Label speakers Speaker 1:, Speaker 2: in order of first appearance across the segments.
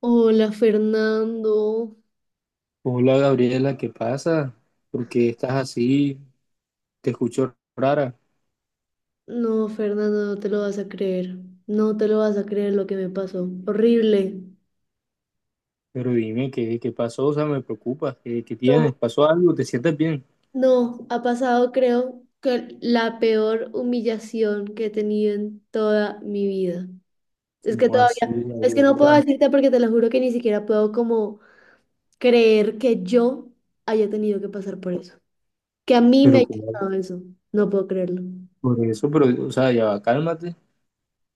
Speaker 1: Hola Fernando.
Speaker 2: Hola Gabriela, ¿qué pasa? ¿Por qué estás así? Te escucho rara,
Speaker 1: No, Fernando, no te lo vas a creer. No te lo vas a creer lo que me pasó. Horrible.
Speaker 2: pero dime qué pasó, o sea, me preocupa, ¿qué tienes?
Speaker 1: No,
Speaker 2: ¿Pasó algo? ¿Te sientes bien?
Speaker 1: no, ha pasado creo que la peor humillación que he tenido en toda mi vida. Es que
Speaker 2: ¿Cómo así,
Speaker 1: todavía, es que no puedo
Speaker 2: Gabriela?
Speaker 1: decirte porque te lo juro que ni siquiera puedo como creer que yo haya tenido que pasar por eso. Que a mí me
Speaker 2: Pero
Speaker 1: haya
Speaker 2: ¿cómo?
Speaker 1: pasado eso. No puedo creerlo.
Speaker 2: Por eso, pero, o sea, ya va, cálmate.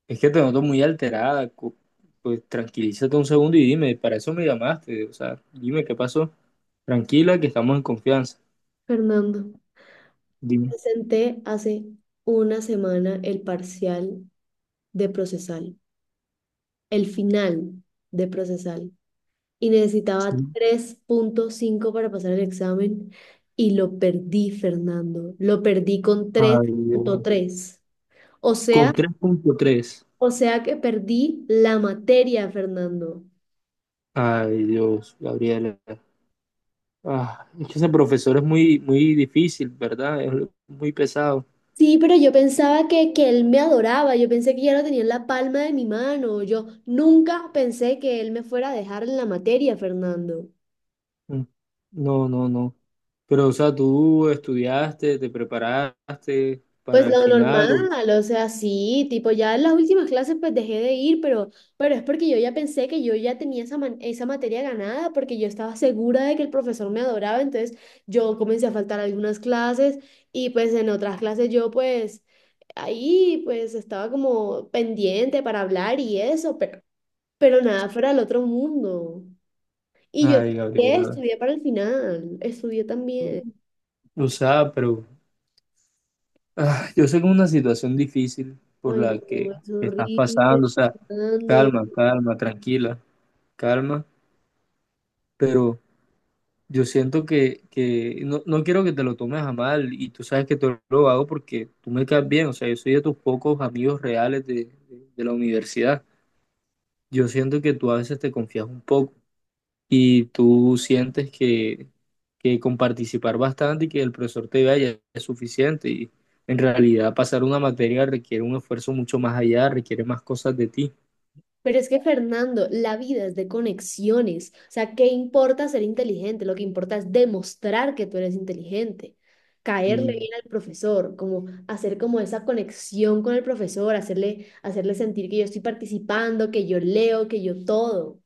Speaker 2: Es que te noto muy alterada, pues tranquilízate un segundo y dime, para eso me llamaste, o sea, dime qué pasó. Tranquila, que estamos en confianza.
Speaker 1: Fernando,
Speaker 2: Dime.
Speaker 1: presenté hace una semana el parcial de procesal, el final de procesal. Y necesitaba
Speaker 2: Sí.
Speaker 1: 3,5 para pasar el examen y lo perdí, Fernando. Lo perdí con tres
Speaker 2: Ay,
Speaker 1: punto
Speaker 2: Dios.
Speaker 1: tres O sea,
Speaker 2: Con tres. Punto tres.
Speaker 1: que perdí la materia, Fernando.
Speaker 2: Ay, Dios, Gabriela. Ah, es que ese profesor es muy difícil, ¿verdad? Es muy pesado.
Speaker 1: Sí, pero yo pensaba que él me adoraba, yo pensé que ya lo tenía en la palma de mi mano, yo nunca pensé que él me fuera a dejar en la materia, Fernando.
Speaker 2: Mm. No, no, no. Pero, o sea, tú estudiaste, te preparaste
Speaker 1: Pues
Speaker 2: para el
Speaker 1: lo
Speaker 2: final.
Speaker 1: normal, o sea, sí, tipo, ya en las últimas clases pues dejé de ir, pero, es porque yo ya pensé que yo ya tenía esa, esa materia ganada, porque yo estaba segura de que el profesor me adoraba, entonces yo comencé a faltar algunas clases y pues en otras clases yo pues ahí pues estaba como pendiente para hablar y eso, pero, nada fuera del otro mundo. Y yo
Speaker 2: Ay,
Speaker 1: estudié,
Speaker 2: Gabriela.
Speaker 1: estudié para el final, estudié también.
Speaker 2: O sea, pero ah, yo sé que es una situación difícil por
Speaker 1: Ay,
Speaker 2: la
Speaker 1: no,
Speaker 2: que
Speaker 1: es
Speaker 2: estás
Speaker 1: horrible,
Speaker 2: pasando. O sea,
Speaker 1: Fernando.
Speaker 2: calma, tranquila, calma. Pero yo siento que no, no quiero que te lo tomes a mal y tú sabes que te lo hago porque tú me caes bien, o sea, yo soy de tus pocos amigos reales de la universidad. Yo siento que tú a veces te confías un poco y tú sientes que con participar bastante y que el profesor te vea ya es suficiente y en realidad pasar una materia requiere un esfuerzo mucho más allá, requiere más cosas de ti.
Speaker 1: Pero es que Fernando, la vida es de conexiones. O sea, ¿qué importa ser inteligente? Lo que importa es demostrar que tú eres inteligente. Caerle
Speaker 2: Mm,
Speaker 1: bien al profesor, como hacer como esa conexión con el profesor, hacerle, hacerle sentir que yo estoy participando, que yo leo, que yo todo.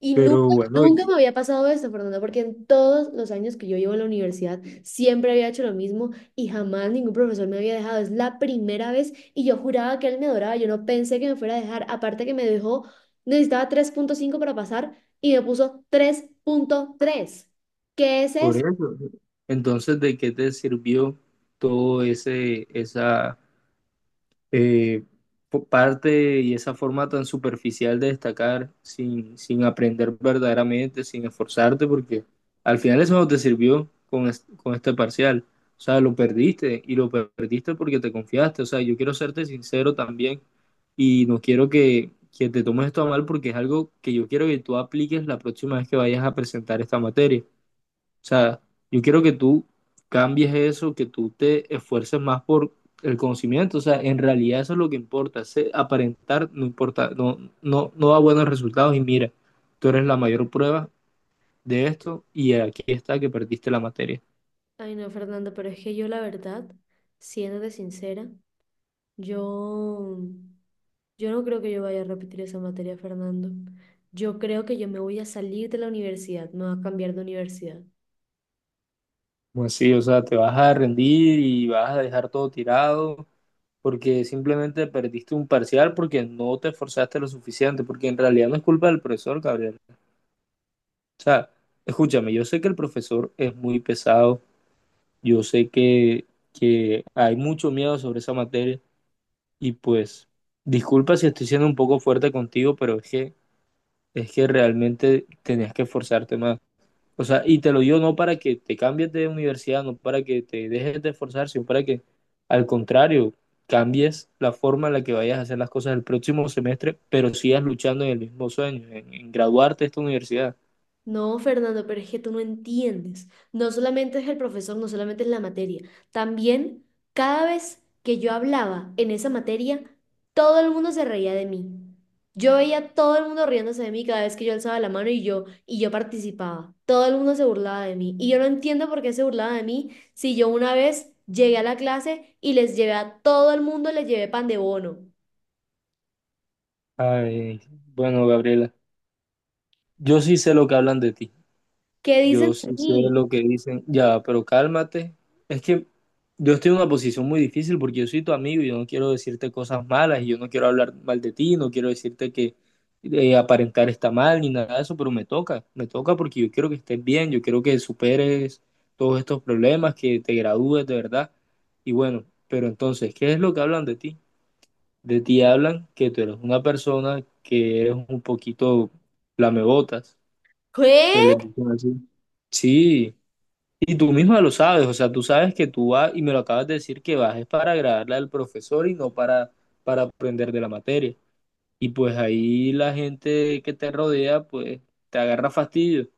Speaker 1: Y nunca,
Speaker 2: pero bueno,
Speaker 1: nunca me había pasado esto, Fernanda, porque en todos los años que yo llevo en la universidad siempre había hecho lo mismo y jamás ningún profesor me había dejado. Es la primera vez y yo juraba que él me adoraba. Yo no pensé que me fuera a dejar. Aparte que me dejó, necesitaba 3,5 para pasar y me puso 3,3. ¿Qué es
Speaker 2: por
Speaker 1: eso?
Speaker 2: eso. Entonces, ¿de qué te sirvió todo esa eh, parte y esa forma tan superficial de destacar sin aprender verdaderamente, sin esforzarte? Porque al final eso no te sirvió con este parcial. O sea, lo perdiste y perdiste porque te confiaste. O sea, yo quiero serte sincero también y no quiero que te tomes esto a mal porque es algo que yo quiero que tú apliques la próxima vez que vayas a presentar esta materia. O sea, yo quiero que tú cambies eso, que tú te esfuerces más por el conocimiento. O sea, en realidad eso es lo que importa. Ese aparentar no importa, no da buenos resultados. Y mira, tú eres la mayor prueba de esto y aquí está que perdiste la materia.
Speaker 1: Ay, no, Fernanda, pero es que yo la verdad, siéndote sincera. Yo, no creo que yo vaya a repetir esa materia, Fernando. Yo creo que yo me voy a salir de la universidad, me voy a cambiar de universidad.
Speaker 2: Pues sí, o sea, te vas a rendir y vas a dejar todo tirado porque simplemente perdiste un parcial porque no te esforzaste lo suficiente, porque en realidad no es culpa del profesor, Gabriel. O sea, escúchame, yo sé que el profesor es muy pesado. Yo sé que hay mucho miedo sobre esa materia y pues disculpa si estoy siendo un poco fuerte contigo, pero es que realmente tenías que esforzarte más. O sea, y te lo digo no para que te cambies de universidad, no para que te dejes de esforzar, sino para que al contrario, cambies la forma en la que vayas a hacer las cosas el próximo semestre, pero sigas luchando en el mismo sueño, en graduarte de esta universidad.
Speaker 1: No, Fernando, pero es que tú no entiendes. No solamente es el profesor, no solamente es la materia. También, cada vez que yo hablaba en esa materia, todo el mundo se reía de mí. Yo veía a todo el mundo riéndose de mí cada vez que yo alzaba la mano y yo participaba. Todo el mundo se burlaba de mí. Y yo no entiendo por qué se burlaba de mí si yo una vez llegué a la clase y les llevé a todo el mundo, les llevé pan de bono.
Speaker 2: Ay, bueno, Gabriela, yo sí sé lo que hablan de ti.
Speaker 1: ¿Qué dicen
Speaker 2: Yo
Speaker 1: de
Speaker 2: sí sé
Speaker 1: mí?
Speaker 2: lo que dicen, ya, pero cálmate. Es que yo estoy en una posición muy difícil porque yo soy tu amigo y yo no quiero decirte cosas malas y yo no quiero hablar mal de ti, no quiero decirte que aparentar está mal ni nada de eso, pero me toca porque yo quiero que estés bien, yo quiero que superes todos estos problemas, que te gradúes de verdad. Y bueno, pero entonces, ¿qué es lo que hablan de ti? De ti hablan que tú eres una persona que eres un poquito lamebotas,
Speaker 1: ¿Qué?
Speaker 2: que les dicen así. Sí, y tú misma lo sabes, o sea, tú sabes que tú vas, y me lo acabas de decir, que vas es para agradarle al profesor y no para aprender de la materia. Y pues ahí la gente que te rodea, pues te agarra fastidio.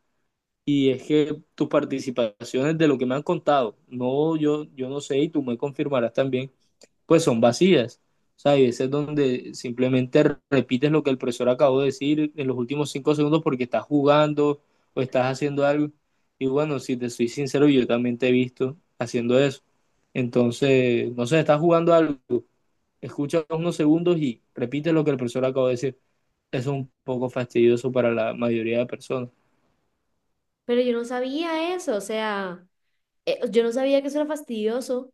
Speaker 2: Y es que tus participaciones de lo que me han contado, no, yo no sé, y tú me confirmarás también, pues son vacías. O sea, hay veces donde simplemente repites lo que el profesor acabó de decir en los últimos 5 segundos porque estás jugando o estás haciendo algo. Y bueno, si te soy sincero, yo también te he visto haciendo eso. Entonces, no sé, estás jugando algo, escucha unos segundos y repite lo que el profesor acabó de decir. Eso es un poco fastidioso para la mayoría de personas.
Speaker 1: Pero yo no sabía eso, o sea... yo no sabía que eso era fastidioso.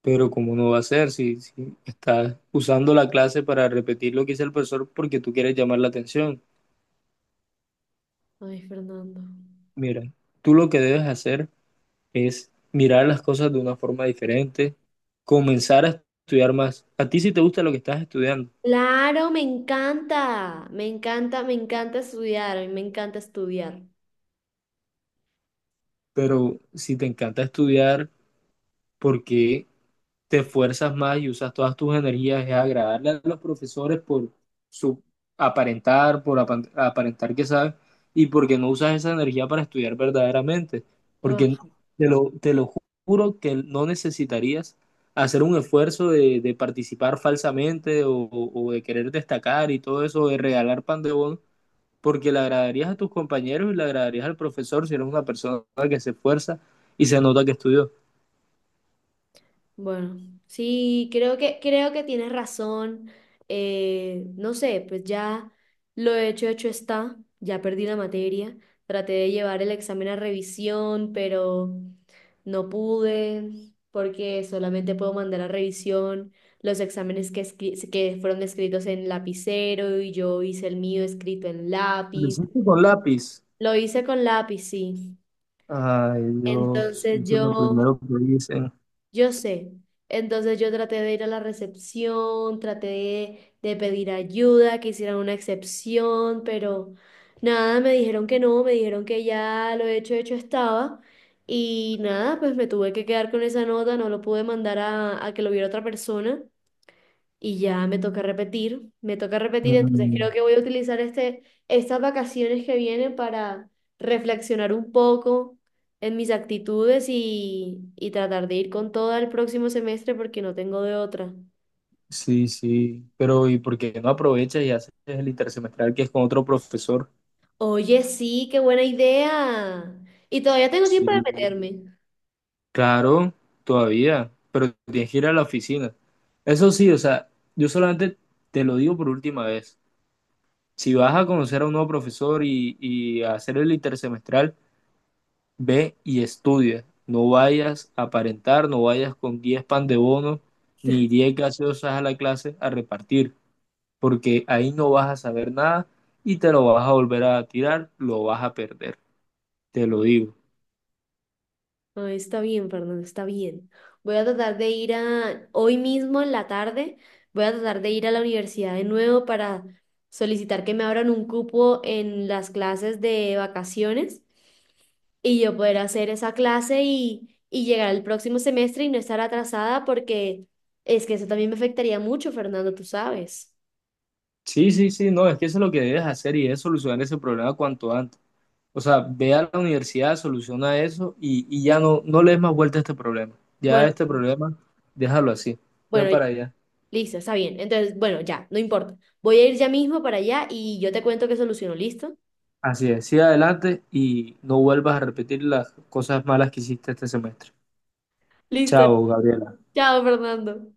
Speaker 2: Pero ¿cómo no va a ser si estás usando la clase para repetir lo que dice el profesor porque tú quieres llamar la atención?
Speaker 1: Ay, Fernando.
Speaker 2: Mira, tú lo que debes hacer es mirar las cosas de una forma diferente, comenzar a estudiar más. A ti sí te gusta lo que estás estudiando,
Speaker 1: Claro, me encanta, me encanta, me encanta estudiar, a mí me encanta estudiar.
Speaker 2: pero si te encanta estudiar, ¿por qué? Te esfuerzas más y usas todas tus energías es agradarle a los profesores por su aparentar, por aparentar que sabes, y porque no usas esa energía para estudiar verdaderamente. Porque
Speaker 1: Ah,
Speaker 2: te lo juro que no necesitarías hacer un esfuerzo de participar falsamente o de querer destacar y todo eso, de regalar pan de bono, porque le agradarías a tus compañeros y le agradarías al profesor si eres una persona que se esfuerza y se nota que estudió.
Speaker 1: bueno, sí, creo que tienes razón. No sé, pues ya lo hecho, hecho está. Ya perdí la materia. Traté de llevar el examen a revisión, pero no pude porque solamente puedo mandar a revisión los exámenes que, que fueron escritos en lapicero y yo hice el mío escrito en
Speaker 2: Lo
Speaker 1: lápiz.
Speaker 2: hiciste con lápiz.
Speaker 1: Lo hice con lápiz, sí.
Speaker 2: Ay, Dios,
Speaker 1: Entonces
Speaker 2: eso es lo
Speaker 1: yo...
Speaker 2: primero que dicen.
Speaker 1: Yo sé. Entonces yo traté de ir a la recepción, traté de, pedir ayuda, que hicieran una excepción, pero nada, me dijeron que no, me dijeron que ya lo hecho, hecho estaba. Y nada, pues me tuve que quedar con esa nota, no lo pude mandar a, que lo viera otra persona y ya me toca repetir, entonces
Speaker 2: Mm,
Speaker 1: creo que voy a utilizar este, estas vacaciones que vienen para reflexionar un poco en mis actitudes y, tratar de ir con todo el próximo semestre porque no tengo de otra.
Speaker 2: sí, pero ¿y por qué no aprovechas y haces el intersemestral que es con otro profesor?
Speaker 1: Oye, sí, qué buena idea. Y todavía tengo
Speaker 2: Sí,
Speaker 1: tiempo de meterme.
Speaker 2: claro, todavía, pero tienes que ir a la oficina. Eso sí, o sea, yo solamente te lo digo por última vez. Si vas a conocer a un nuevo profesor y a hacer el intersemestral, ve y estudia. No vayas a aparentar, no vayas con 10 pan de bono ni 10 gaseosas a la clase a repartir, porque ahí no vas a saber nada y te lo vas a volver a tirar, lo vas a perder, te lo digo.
Speaker 1: No, está bien, Fernando, está bien. Voy a tratar de ir a, hoy mismo en la tarde, voy a tratar de ir a la universidad de nuevo para solicitar que me abran un cupo en las clases de vacaciones y yo poder hacer esa clase y llegar al próximo semestre y no estar atrasada porque es que eso también me afectaría mucho, Fernando, tú sabes.
Speaker 2: Sí, sí, sí, no, es que eso es lo que debes hacer y es solucionar ese problema cuanto antes. O sea, ve a la universidad, soluciona eso y ya no, no le des más vuelta a este problema. Ya
Speaker 1: Bueno,
Speaker 2: este problema, déjalo así, ve
Speaker 1: bueno, ya,
Speaker 2: para allá.
Speaker 1: listo, está bien. Entonces, bueno, ya, no importa. Voy a ir ya mismo para allá y yo te cuento que soluciono, ¿listo?
Speaker 2: Así es, sigue adelante y no vuelvas a repetir las cosas malas que hiciste este semestre.
Speaker 1: Listo.
Speaker 2: Chao, Gabriela.
Speaker 1: Chao, Fernando.